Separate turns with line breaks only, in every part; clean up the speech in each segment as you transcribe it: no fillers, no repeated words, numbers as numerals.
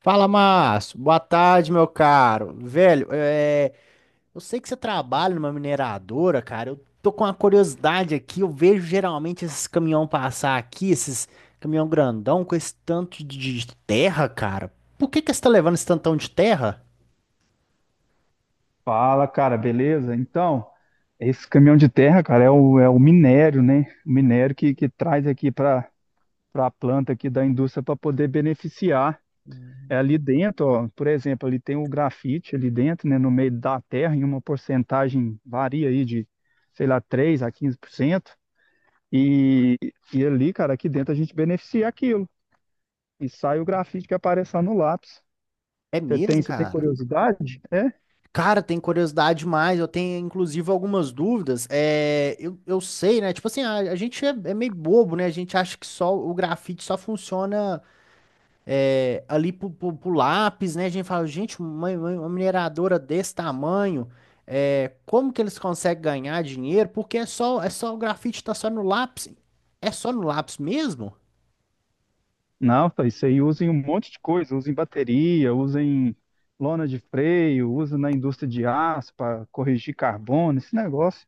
Fala, Márcio. Boa tarde, meu caro. Velho, eu sei que você trabalha numa mineradora, cara. Eu tô com uma curiosidade aqui. Eu vejo geralmente esses caminhão passar aqui, esses caminhão grandão com esse tanto de terra, cara. Por que que você tá levando esse tantão de terra?
Fala, cara, beleza? Então, esse caminhão de terra, cara, é o minério, né? O minério que traz aqui para a planta aqui da indústria para poder beneficiar. É ali dentro, ó, por exemplo, ali tem o grafite ali dentro, né, no meio da terra, em uma porcentagem varia aí de, sei lá, 3 a 15%. E, e ali, cara, aqui dentro a gente beneficia aquilo. E sai o grafite que aparece lá no lápis.
É
Você tem,
mesmo,
você tem
cara?
curiosidade?
Cara, tem curiosidade demais. Eu tenho, inclusive, algumas dúvidas. É, eu sei, né? Tipo assim, a gente é meio bobo, né? A gente acha que só o grafite só funciona ali pro lápis, né? A gente fala, gente, mineradora desse tamanho, como que eles conseguem ganhar dinheiro? Porque é só o grafite tá só no lápis. É só no lápis mesmo?
Não, tá, isso aí usa em um monte de coisa, usa em bateria, usa em lona de freio, usa na indústria de aço para corrigir carbono, esse negócio.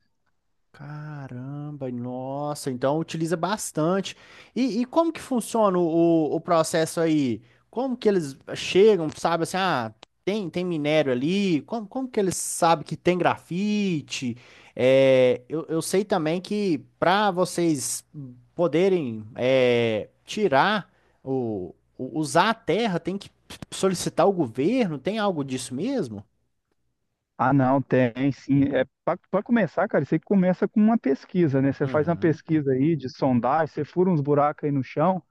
Caramba, nossa, então utiliza bastante. E como que funciona o processo aí? Como que eles chegam, sabe assim, tem minério ali? Como que eles sabem que tem grafite? É, eu sei também que para vocês poderem tirar usar a terra, tem que solicitar o governo, tem algo disso mesmo?
Ah, não, tem sim. É para começar, cara, isso aí começa com uma pesquisa, né? Você faz uma
Uhum.
pesquisa aí de sondagem, você fura uns buracos aí no chão,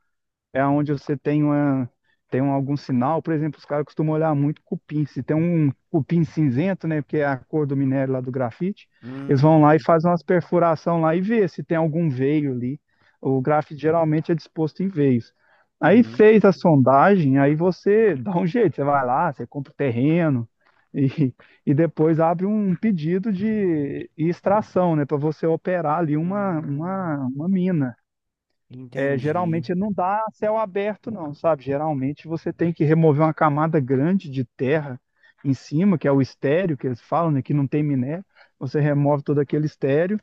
é onde você tem uma, tem um, algum sinal. Por exemplo, os caras costumam olhar muito cupim. Se tem um cupim cinzento, né, que é a cor do minério lá do grafite, eles vão lá e
Hum,
fazem umas perfuração lá e vê se tem algum veio ali. O grafite geralmente é disposto em veios. Aí
uhum.
fez a sondagem, aí você dá um jeito, você vai lá, você compra o terreno e, e depois abre um pedido de extração, né, para você operar ali uma,
Hum.
uma, uma mina. é,
Entendi,
geralmente não dá céu aberto, não, sabe? Geralmente você tem que remover uma camada grande de terra em cima, que é o estéreo que eles falam, né, que não tem minério. Você remove todo aquele estéreo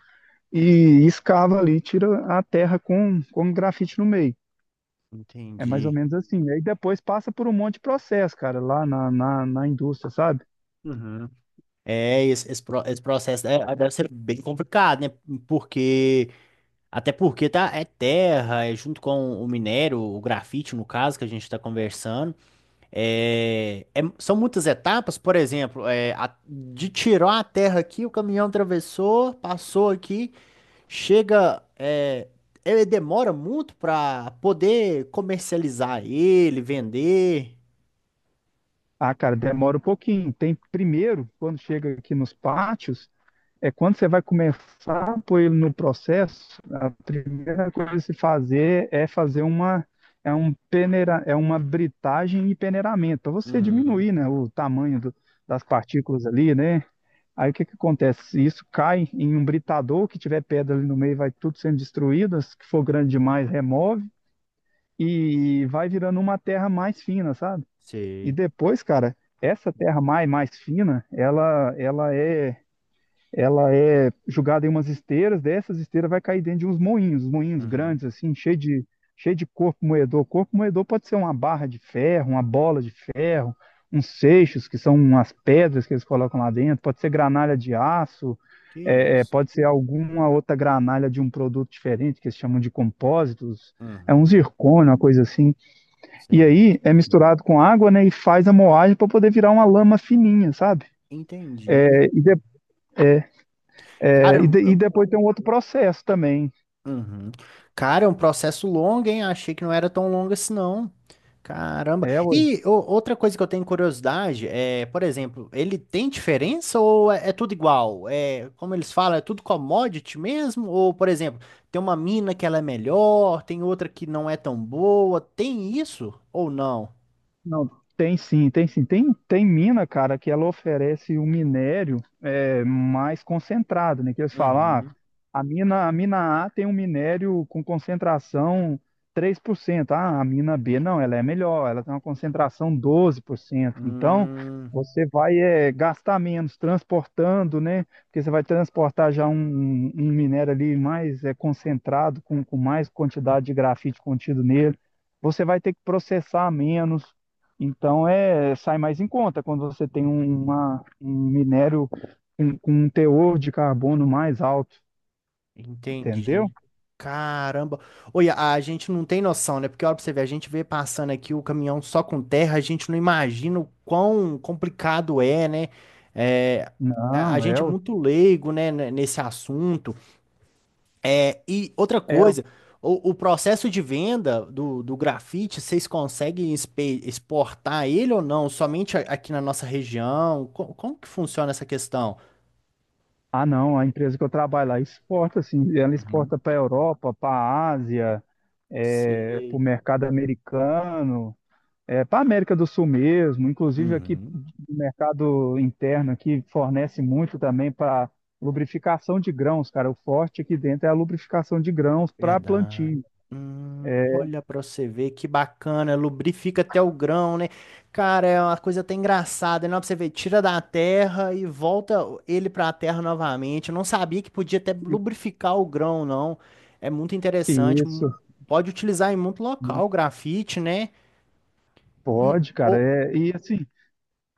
e escava ali, tira a terra com grafite no meio. É mais ou
entendi.
menos assim. Aí depois passa por um monte de processo, cara, lá na indústria, sabe?
Uhum. Esse processo deve ser bem complicado, né? Porque, até porque tá, é terra, é junto com o minério, o grafite, no caso, que a gente está conversando. São muitas etapas, por exemplo, de tirar a terra aqui, o caminhão atravessou, passou aqui, chega. Ele demora muito para poder comercializar ele, vender.
Ah, cara, demora um pouquinho. Tem primeiro, quando chega aqui nos pátios, é quando você vai começar a pôr ele no processo. A primeira coisa a se fazer é fazer uma é um peneira, é uma britagem e peneiramento, para você
Uhum,
diminuir, né, o tamanho das partículas ali, né? Aí o que que acontece? Isso cai em um britador, que tiver pedra ali no meio, vai tudo sendo destruído, as que for grande demais, remove e vai virando uma terra mais fina, sabe? E
sei.
depois, cara, essa terra mais fina, ela é jogada em umas esteiras. Dessas esteiras vai cair dentro de uns moinhos, moinhos
Uhum.
grandes, assim, cheio de corpo moedor. Corpo moedor pode ser uma barra de ferro, uma bola de ferro, uns seixos, que são umas pedras que eles colocam lá dentro, pode ser granalha de aço,
Que isso?
pode ser alguma outra granalha de um produto diferente, que eles chamam de compósitos, é um
Uhum.
zircônio, uma coisa assim. E
Certo.
aí é misturado com água, né, e faz a moagem para poder virar uma lama fininha, sabe?
Entendi.
É, e de-
Cara,
e depois tem um outro processo também.
uhum. Cara, é um processo longo, hein? Achei que não era tão longo assim, não. Caramba.
É,
E ô, outra coisa que eu tenho curiosidade é, por exemplo, ele tem diferença ou é tudo igual? Como eles falam, é tudo commodity mesmo? Ou, por exemplo, tem uma mina que ela é melhor, tem outra que não é tão boa? Tem isso ou não?
Não, tem sim, tem sim. Tem mina, cara, que ela oferece um minério mais concentrado, né? Que eles falam, ah,
Uhum.
a mina A tem um minério com concentração 3%. Ah, a mina B não, ela é melhor, ela tem uma concentração 12%. Então,
Hum.
você vai gastar menos transportando, né? Porque você vai transportar já um minério ali mais concentrado, com mais quantidade de grafite contido nele. Você vai ter que processar menos. Então sai mais em conta quando você tem um minério com um teor de carbono mais alto,
Entendi.
entendeu?
Caramba. Olha, a gente não tem noção, né? Porque olha pra você ver, a gente vê passando aqui o caminhão só com terra, a gente não imagina o quão complicado é, né? É, a
Não.
gente é muito leigo, né, nesse assunto. E outra
É. o-
coisa, o processo de venda do grafite, vocês conseguem exportar ele ou não? Somente aqui na nossa região? Como que funciona essa questão?
Ah, não, a empresa que eu trabalho lá exporta, assim, ela
Uhum.
exporta para a Europa, para a Ásia, para o
Sei.
mercado americano, para a América do Sul mesmo. Inclusive aqui
Uhum.
o mercado interno aqui fornece muito também para lubrificação de grãos, cara. O forte aqui dentro é a lubrificação de grãos para
Verdade.
plantio.
Olha pra você ver que bacana, lubrifica até o grão, né? Cara, é uma coisa até engraçada, não, pra você ver, tira da terra e volta ele pra terra novamente. Eu não sabia que podia até lubrificar o grão, não. É muito interessante.
Isso,
Pode utilizar em muito local, o grafite, né? E
pode, cara.
o-
É, e assim,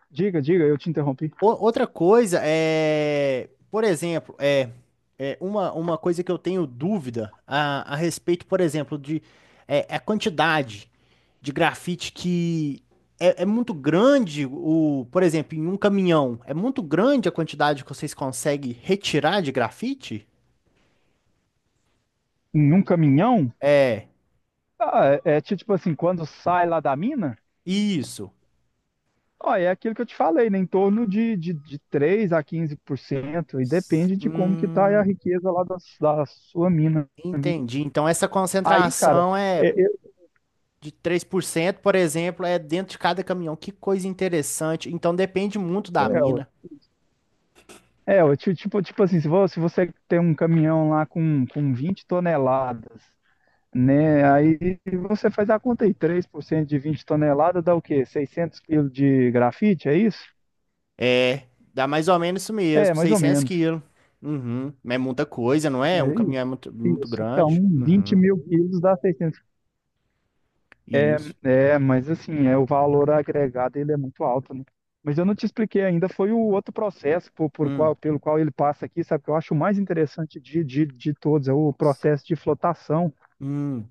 diga, diga, eu te interrompi.
o- outra coisa é, por exemplo, é uma coisa que eu tenho dúvida a respeito, por exemplo, de a quantidade de grafite que é muito grande por exemplo, em um caminhão, é muito grande a quantidade que vocês conseguem retirar de grafite?
Num caminhão,
É,
ah, tipo assim, quando sai lá da mina,
isso.
ó, é aquilo que eu te falei, né? Em torno de 3 a 15%, e depende de como que tá a
Hum,
riqueza lá da sua mina.
entendi. Então essa
Aí, cara,
concentração é
é, é,
de 3% por exemplo, é dentro de cada caminhão. Que coisa interessante. Então depende muito da
ué.
mina.
Tipo assim, se você tem um caminhão lá com 20 toneladas, né? Aí você faz a conta aí, 3% de 20 toneladas dá o quê? 600 quilos de grafite, é isso?
É, dá mais ou menos isso
É,
mesmo,
mais ou
600
menos.
quilos. Uhum. É muita coisa, não é? Um
É
caminhão é
isso.
muito, muito
Isso.
grande.
Então, 20
Uhum.
mil quilos dá 600.
Isso.
É, mas assim, o valor agregado ele é muito alto, né? Mas eu não te expliquei ainda, foi o outro processo por, por qual,
Hum.
pelo qual ele passa aqui, sabe? Que eu acho o mais interessante de todos, é o processo de flotação.
Hum.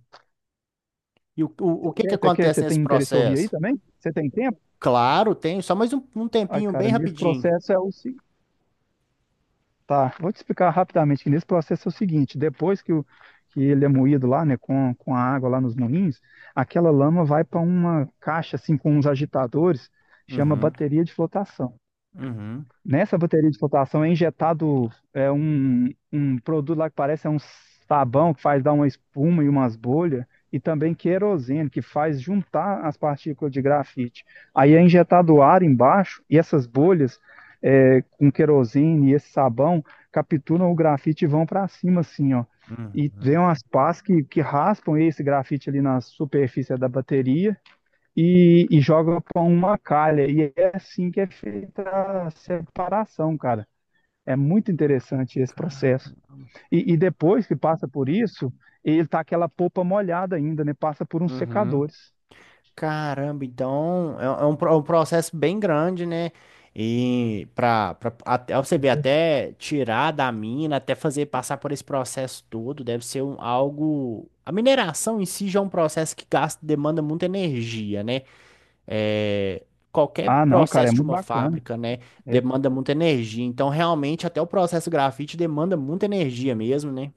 E o que que
Você
acontece nesse
tem interesse em ouvir aí
processo?
também? Você tem tempo?
Claro, tem só mais um
Ai,
tempinho
cara,
bem
nesse
rapidinho.
processo é o, Tá, vou te explicar rapidamente que nesse processo é o seguinte: depois que ele é moído lá, né, com a água lá nos moinhos, aquela lama vai para uma caixa assim com uns agitadores, chama
Uhum,
bateria de flotação.
uhum,
Nessa bateria de flotação é injetado um produto lá que parece um sabão, que faz dar uma espuma e umas bolhas, e também querosene, que faz juntar as partículas de grafite. Aí é injetado ar embaixo e essas bolhas, com querosene e esse sabão, capturam o grafite e vão para cima assim, ó. E vem
uhum.
umas pás que raspam esse grafite ali na superfície da bateria e joga com uma calha. E é assim que é feita a separação, cara. É muito interessante esse
Ca-
processo. E depois que passa por isso, ele tá aquela polpa molhada ainda, né? Passa por uns
uhum.
secadores.
Caramba, então é um processo bem grande, né? E para até você ver, até tirar da mina, até fazer passar por esse processo todo, deve ser algo. A mineração em si já é um processo que gasta, demanda muita energia, né? É, qualquer
Ah, não, cara, é
processo de
muito
uma
bacana.
fábrica, né,
É.
demanda muita energia. Então, realmente, até o processo grafite demanda muita energia mesmo, né?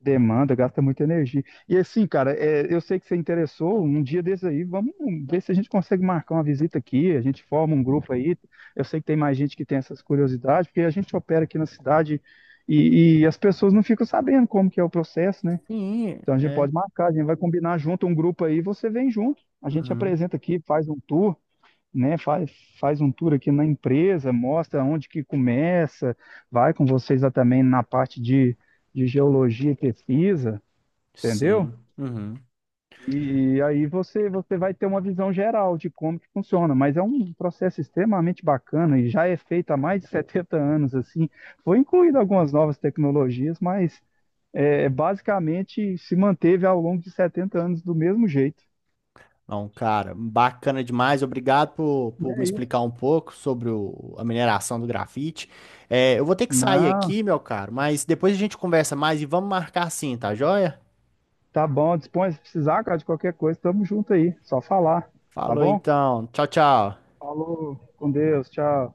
Demanda, gasta muita energia. E assim, cara, eu sei que você interessou. Um dia desses aí, vamos ver se a gente consegue marcar uma visita aqui, a gente forma um grupo aí. Eu sei que tem mais gente que tem essas curiosidades, porque a gente opera aqui na cidade e as pessoas não ficam sabendo como que é o processo, né?
Sim,
Então a gente
é.
pode marcar, a gente vai combinar junto um grupo aí, você vem junto, a gente
Uhum.
apresenta aqui, faz um tour, né? Faz um tour aqui na empresa, mostra onde que começa, vai com vocês lá também na parte de geologia e pesquisa, entendeu?
Sim. Uhum.
E aí você vai ter uma visão geral de como que funciona, mas é um processo extremamente bacana e já é feito há mais de 70 anos assim. Foi incluído algumas novas tecnologias, mas basicamente se manteve ao longo de 70 anos do mesmo jeito.
Não, cara, bacana demais. Obrigado por me
É isso.
explicar um pouco sobre a mineração do grafite. Eu vou ter que sair
Não,
aqui, meu caro, mas depois a gente conversa mais e vamos marcar sim, tá joia?
tá bom, dispõe, se precisar, cara, de qualquer coisa, tamo junto aí, só falar, tá
Falou
bom?
então. Tchau, tchau.
Falou, com Deus, tchau.